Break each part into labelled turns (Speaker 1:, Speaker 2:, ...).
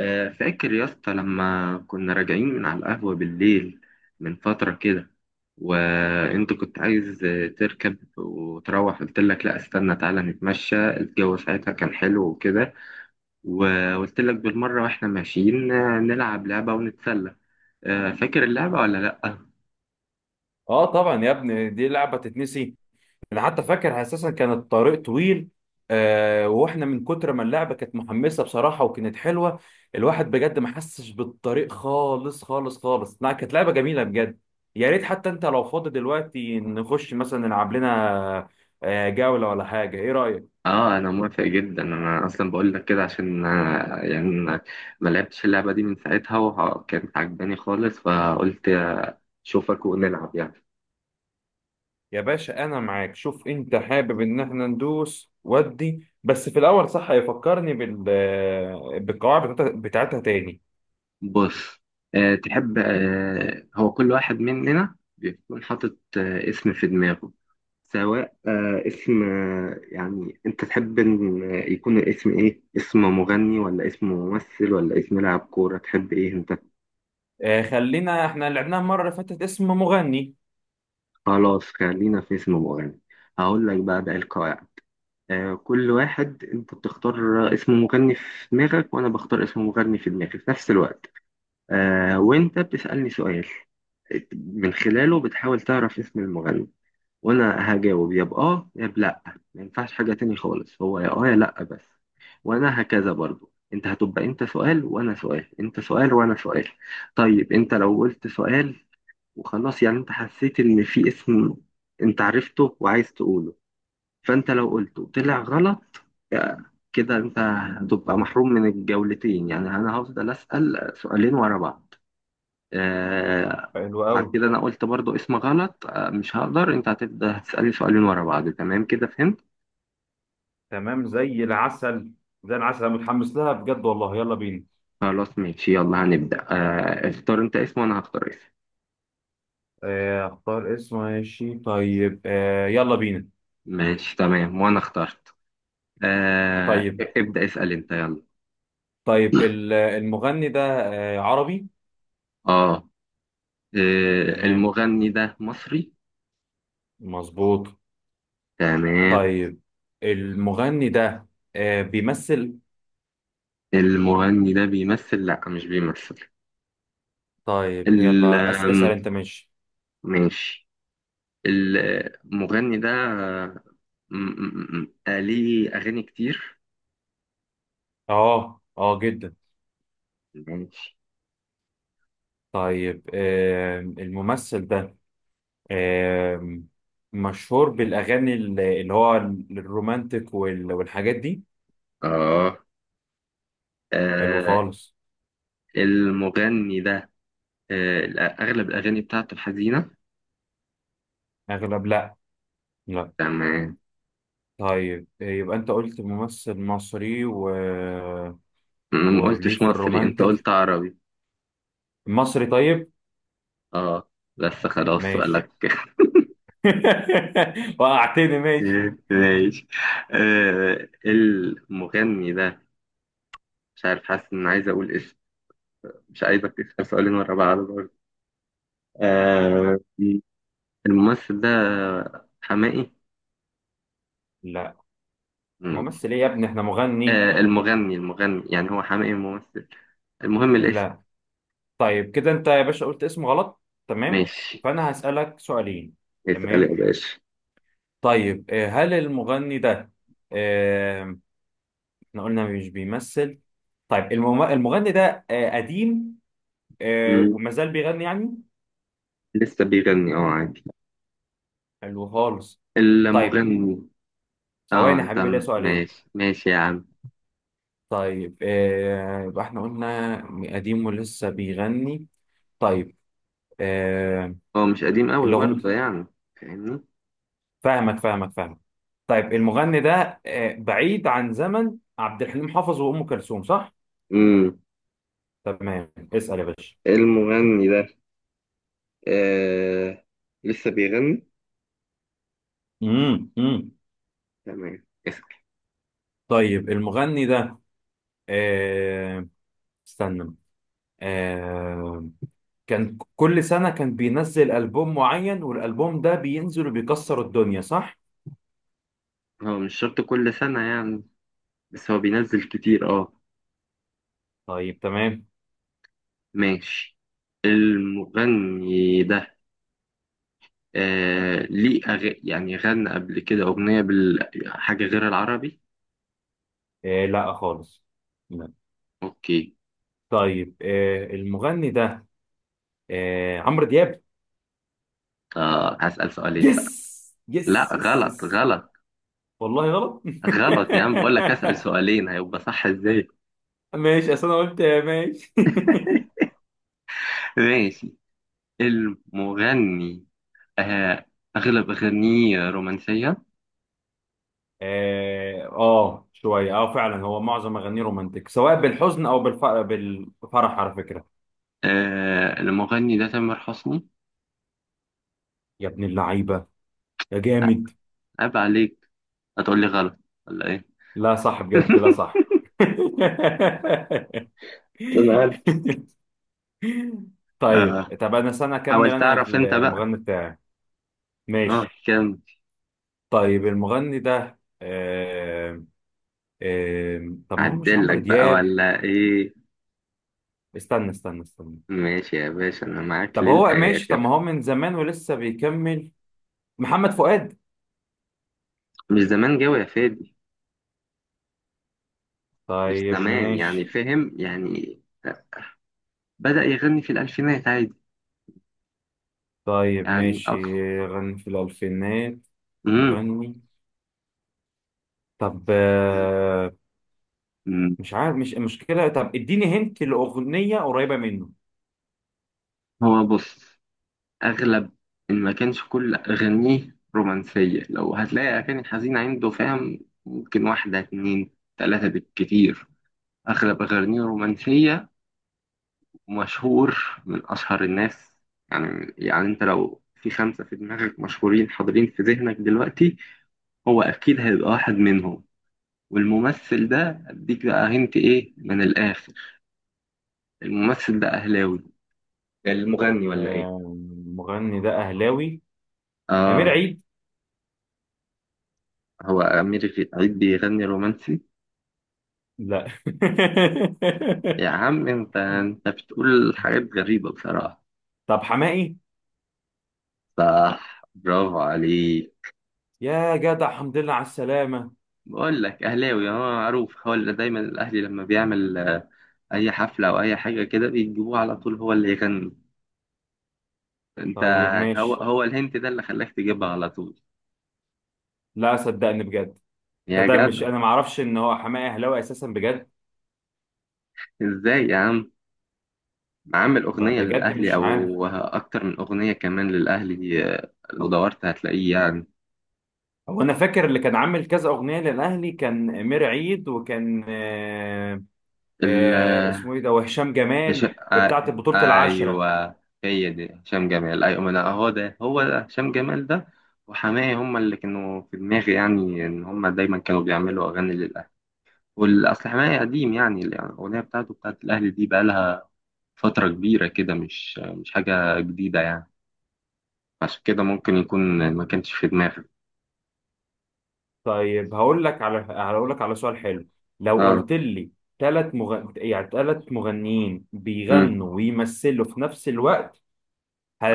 Speaker 1: فاكر يا اسطى لما كنا راجعين من على القهوة بالليل من فترة كده. وانت كنت عايز تركب وتروح، قلت لك لا استنى تعالى نتمشى، الجو ساعتها كان حلو وكده. وقلت لك بالمرة واحنا ماشيين نلعب لعبة ونتسلى. فاكر اللعبة ولا لا؟
Speaker 2: اه، طبعا يا ابني، دي لعبه تتنسي. انا حتى فاكر اساسا كان الطريق طويل. واحنا من كتر ما اللعبه كانت محمسه، بصراحه، وكانت حلوه. الواحد بجد ما حسش بالطريق خالص خالص خالص. لا، كانت لعبه جميله بجد. يا ريت حتى انت لو فاضي دلوقتي نخش مثلا نلعب لنا جوله ولا حاجه. ايه رايك؟
Speaker 1: اه انا موافق جدا، انا اصلا بقول لك كده عشان يعني ما لعبتش اللعبة دي من ساعتها وكانت عجباني خالص، فقلت اشوفك ونلعب يعني.
Speaker 2: يا باشا، انا معاك. شوف انت حابب ان احنا ندوس ودي، بس في الاول صح يفكرني بالقواعد بتاعتها تاني.
Speaker 1: بص، تحب، هو كل واحد مننا بيكون حاطط اسم في دماغه. سواء اسم، يعني انت تحب ان يكون الاسم ايه، اسم مغني ولا اسم ممثل ولا اسم لاعب كورة، تحب ايه انت؟
Speaker 2: خلينا احنا لعبناها المره اللي فاتت اسم مغني.
Speaker 1: خلاص خلينا في اسم مغني. هقول لك بقى القواعد. كل واحد انت بتختار اسم مغني في دماغك، وانا بختار اسم مغني في دماغي في نفس الوقت. وانت بتسألني سؤال، من خلاله بتحاول تعرف اسم المغني، وانا هجاوب يا باه يا بلا، ما ينفعش حاجه تاني خالص، هو يا اه يا لا بس. وانا هكذا برضو، انت هتبقى انت سؤال وانا سؤال، انت سؤال وانا سؤال. طيب انت لو قلت سؤال وخلاص يعني، انت حسيت ان في اسم انت عرفته وعايز تقوله، فانت لو قلته طلع غلط، آه، كده انت هتبقى محروم من الجولتين، يعني انا هفضل اسال سؤالين ورا بعض. آه،
Speaker 2: حلو
Speaker 1: بعد
Speaker 2: قوي.
Speaker 1: كده انا قلت برضو اسم غلط آه، مش هقدر، انت هتبدا تسالني سؤالين ورا بعض، تمام كده فهمت؟
Speaker 2: تمام، زي العسل. زي العسل، انا متحمس لها بجد، والله يلا بينا.
Speaker 1: خلاص ماشي، يلا هنبدا. آه، اختار انت اسم وانا هختار اسم.
Speaker 2: اختار اسم، ماشي. طيب، يلا بينا.
Speaker 1: ماشي تمام، وانا اخترت. آه،
Speaker 2: طيب
Speaker 1: ابدا اسال انت يلا.
Speaker 2: طيب، المغني ده عربي؟
Speaker 1: اه.
Speaker 2: تمام،
Speaker 1: المغني ده مصري.
Speaker 2: مظبوط.
Speaker 1: تمام.
Speaker 2: طيب، المغني ده بيمثل؟
Speaker 1: المغني ده بيمثل؟ لا مش بيمثل.
Speaker 2: طيب
Speaker 1: ال
Speaker 2: يلا،
Speaker 1: آم،
Speaker 2: اسأل انت، ماشي.
Speaker 1: ماشي. المغني ده ليه اغاني كتير؟
Speaker 2: اه اه، جدا.
Speaker 1: ماشي.
Speaker 2: طيب، الممثل ده آم، مشهور بالأغاني اللي هو الرومانتك والحاجات دي؟
Speaker 1: آه.
Speaker 2: حلو
Speaker 1: آه،
Speaker 2: خالص.
Speaker 1: المغني ده، آه، أغلب الأغاني بتاعته الحزينة.
Speaker 2: أغلب؟ لأ. لأ.
Speaker 1: تمام.
Speaker 2: طيب، يبقى أنت قلت ممثل مصري
Speaker 1: أنا ما
Speaker 2: وليه
Speaker 1: قلتش
Speaker 2: في
Speaker 1: مصري، أنت
Speaker 2: الرومانتك،
Speaker 1: قلت عربي.
Speaker 2: مصري؟ طيب،
Speaker 1: آه، بس خلاص
Speaker 2: ماشي.
Speaker 1: سؤالك.
Speaker 2: وقعتني، ماشي.
Speaker 1: ماشي. المغني ده، مش عارف، حاسس إن عايز أقول اسم. مش عايزك تسأل سؤالين ورا بعض برضه. آه، الممثل ده حماقي.
Speaker 2: لأ،
Speaker 1: ماشي.
Speaker 2: ممثل إيه يا ابني، إحنا مغني.
Speaker 1: المغني يعني، هو حماقي ممثل؟ المهم الاسم.
Speaker 2: لأ. طيب، كده أنت يا باشا قلت اسم غلط، تمام،
Speaker 1: ماشي.
Speaker 2: فأنا هسألك سؤالين.
Speaker 1: اسأل
Speaker 2: تمام.
Speaker 1: يا باشا.
Speaker 2: طيب، هل المغني ده، احنا قلنا مش بيمثل. طيب، المغني ده قديم؟ وما زال بيغني يعني؟
Speaker 1: لسه بيغني، اه عادي.
Speaker 2: حلو خالص. طيب،
Speaker 1: المغني، اه.
Speaker 2: ثواني يا
Speaker 1: انت
Speaker 2: حبيبي، ليا سؤالين.
Speaker 1: ماشي يا عم.
Speaker 2: طيب، يبقى احنا قلنا قديم ولسه بيغني. طيب، آه
Speaker 1: هو مش قديم قوي برضه
Speaker 2: الأغنية.
Speaker 1: يعني، فاهمني؟
Speaker 2: فاهمك فاهمك فاهمك. طيب، المغني ده بعيد عن زمن عبد الحليم حافظ وأم كلثوم، صح؟
Speaker 1: امم.
Speaker 2: تمام، اسأل يا باشا.
Speaker 1: المغني ده آه لسه بيغني.
Speaker 2: امم، امم.
Speaker 1: تمام، اسأل.
Speaker 2: طيب، المغني ده آه استنى آه كان كل سنة كان بينزل ألبوم معين، والألبوم ده بينزل وبيكسر الدنيا، صح؟
Speaker 1: هو مش شرط كل سنة يعني، بس هو بينزل كتير اه.
Speaker 2: طيب، تمام.
Speaker 1: ماشي. المغني ده آه ليه أغ... يعني غنى قبل كده أغنية بال... حاجة غير العربي؟
Speaker 2: لا خالص. لا.
Speaker 1: اوكي.
Speaker 2: طيب، المغني ده عمرو دياب.
Speaker 1: آه، هسأل سؤالين بقى.
Speaker 2: يس
Speaker 1: لا،
Speaker 2: يس يس
Speaker 1: غلط
Speaker 2: يس.
Speaker 1: غلط.
Speaker 2: والله غلط.
Speaker 1: غلط يا عم، بقول لك اسأل سؤالين، هيبقى صح ازاي؟
Speaker 2: ماشي، أصل أنا قلت ماشي.
Speaker 1: ماشي. المغني آه، اغلب اغانيه رومانسية.
Speaker 2: اه، شوية، اه فعلا، هو معظم أغانيه رومانتك، سواء بالحزن أو بالفرح، على فكرة.
Speaker 1: آه، المغني ده تامر حسني.
Speaker 2: يا ابن اللعيبة، يا
Speaker 1: آه،
Speaker 2: جامد.
Speaker 1: عيب عليك، هتقول لي غلط ولا ايه؟
Speaker 2: لا صح بجد، لا صح.
Speaker 1: انا عارف.
Speaker 2: طيب،
Speaker 1: آه.
Speaker 2: انا سنة اكمل
Speaker 1: حاول
Speaker 2: انا
Speaker 1: تعرف انت بقى.
Speaker 2: المغني بتاعي.
Speaker 1: اه
Speaker 2: ماشي.
Speaker 1: كم.
Speaker 2: طيب، المغني ده آم، آم، طب ما هو مش
Speaker 1: عدل لك
Speaker 2: عمرو
Speaker 1: بقى
Speaker 2: دياب.
Speaker 1: ولا ايه؟
Speaker 2: استنى استنى استنى.
Speaker 1: ماشي يا باشا، انا معاك
Speaker 2: طب هو ماشي. طب ما
Speaker 1: للاخر.
Speaker 2: هو من زمان ولسه بيكمل. محمد فؤاد؟
Speaker 1: مش زمان جوي يا فادي. مش
Speaker 2: طيب
Speaker 1: زمان يعني،
Speaker 2: ماشي.
Speaker 1: فاهم يعني، بدأ يغني في الألفينات عادي.
Speaker 2: طيب
Speaker 1: يعني
Speaker 2: ماشي،
Speaker 1: أكتر.
Speaker 2: غني في الألفينات.
Speaker 1: مم.
Speaker 2: مغني. طب
Speaker 1: مم.
Speaker 2: مش عارف، مش المشكلة. طب اديني هنت لأغنية قريبة منه.
Speaker 1: هو بص، اغلب، ان ما كانش كل اغانيه رومانسيه، لو هتلاقي اغاني حزينه عنده، فاهم، ممكن واحده اتنين تلاته بالكتير. اغلب اغانيه رومانسيه، ومشهور، من اشهر الناس، يعني انت لو في خمسه في دماغك مشهورين حاضرين في ذهنك دلوقتي، هو اكيد هيبقى واحد منهم. والممثل ده اديك بقى هنت ايه من الاخر، الممثل ده اهلاوي. المغني ولا ايه؟
Speaker 2: المغني ده أهلاوي؟ أمير
Speaker 1: اه.
Speaker 2: عيد؟
Speaker 1: هو أمير عيد بيغني رومانسي؟
Speaker 2: لا.
Speaker 1: يا عم أنت، بتقول حاجات غريبة بصراحة.
Speaker 2: طب حماقي.
Speaker 1: صح، برافو عليك.
Speaker 2: يا جدع، الحمد لله على السلامة.
Speaker 1: بقول لك أهلاوي، هو معروف، هو اللي دايما الأهلي لما بيعمل أي حفلة أو أي حاجة كده بيجيبوه على طول هو اللي يغني. أنت،
Speaker 2: طيب
Speaker 1: هو
Speaker 2: ماشي.
Speaker 1: هو الهنت ده اللي خلاك تجيبها على طول
Speaker 2: لا صدقني بجد، ده
Speaker 1: يا
Speaker 2: ده مش
Speaker 1: جدع.
Speaker 2: أنا معرفش إن هو حماقي أهلاوي أساسا بجد.
Speaker 1: إزاي يا عم، عامل أغنية
Speaker 2: بجد
Speaker 1: للأهلي
Speaker 2: مش عارف.
Speaker 1: أو أكتر من أغنية كمان للأهلي، لو دورت هتلاقيه
Speaker 2: هو أنا فاكر اللي كان عامل كذا أغنية للأهلي كان أمير عيد، وكان اسمه
Speaker 1: يعني.
Speaker 2: إيه ده وهشام
Speaker 1: هش...
Speaker 2: جمال في
Speaker 1: آ...
Speaker 2: بتاعة بطولة العشرة.
Speaker 1: ايوه، هي دي هشام جمال ايوه، ما انا اهو ده، هو ده هشام جمال ده وحماية، هما اللي كانوا في دماغي يعني، ان هما دايما كانوا بيعملوا اغاني للاهلي. والاصل حماية قديم يعني، الاغنيه بتاعته بتاعت الاهلي دي بقالها فتره كبيره كده، مش حاجه جديده يعني، عشان كده ممكن يكون ما كانش في دماغي.
Speaker 2: طيب، هقول لك على سؤال حلو. لو
Speaker 1: اه.
Speaker 2: قلت لي يعني ثلاث مغنيين
Speaker 1: امم.
Speaker 2: بيغنوا ويمثلوا في نفس الوقت،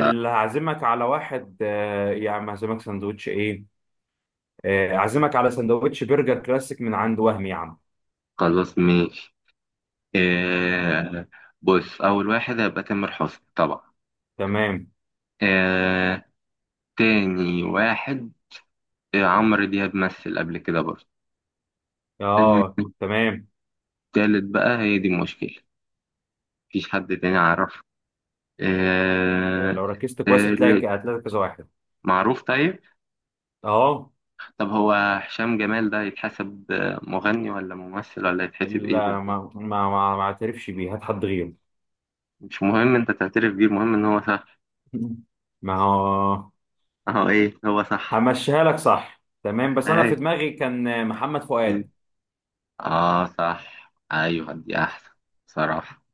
Speaker 1: آه،
Speaker 2: هعزمك على واحد؟ يا عم، هعزمك سندوتش ايه؟ اعزمك على سندوتش برجر كلاسيك من عند وهم، يا عم.
Speaker 1: خلاص ماشي. آه، بص اول واحد هيبقى تامر حسني طبعا.
Speaker 2: تمام.
Speaker 1: آه، تاني واحد إيه، عمرو دياب مثل قبل كده برضه.
Speaker 2: اه، تمام.
Speaker 1: التالت بقى هي دي المشكلة، مفيش حد تاني عرفه. آه،
Speaker 2: لو ركزت كويس هتلاقي
Speaker 1: التالت
Speaker 2: هتلاقي كذا واحد.
Speaker 1: معروف طيب.
Speaker 2: اه.
Speaker 1: طب هو هشام جمال ده يتحسب مغني ولا ممثل ولا يتحسب ايه
Speaker 2: لا، ما
Speaker 1: بالظبط؟
Speaker 2: ما ما ما اعترفش بيه، هات حد غيره.
Speaker 1: مش مهم انت تعترف بيه، المهم ان هو صح.
Speaker 2: ما هو.
Speaker 1: اهو ايه، هو صح.
Speaker 2: همشيها لك صح، تمام، بس انا في
Speaker 1: ايوه.
Speaker 2: دماغي كان محمد
Speaker 1: مين؟
Speaker 2: فؤاد.
Speaker 1: اه صح، ايوه دي احسن بصراحة.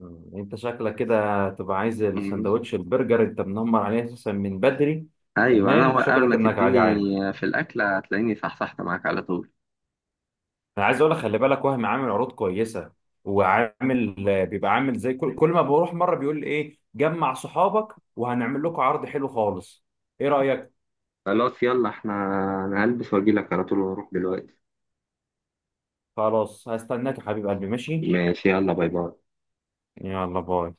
Speaker 2: انت شكلك كده تبقى عايز
Speaker 1: مم.
Speaker 2: السندوتش البرجر، انت منمر عليه اساسا من بدري.
Speaker 1: ايوه
Speaker 2: تمام،
Speaker 1: انا اول
Speaker 2: شكلك
Speaker 1: ما
Speaker 2: انك
Speaker 1: تديني
Speaker 2: جعان.
Speaker 1: في الاكل هتلاقيني صحصحت معاك على طول.
Speaker 2: انا عايز اقول لك خلي بالك، وهم عامل عروض كويسه، وعامل، بيبقى عامل زي كل ما بروح مره بيقول لي ايه، جمع صحابك وهنعمل لكم عرض حلو خالص. ايه رايك؟
Speaker 1: خلاص يلا احنا، انا هلبس واجيلك على طول ونروح دلوقتي.
Speaker 2: خلاص، هستناك يا حبيب قلبي، ماشي.
Speaker 1: ماشي يلا، باي باي.
Speaker 2: يلا، باي.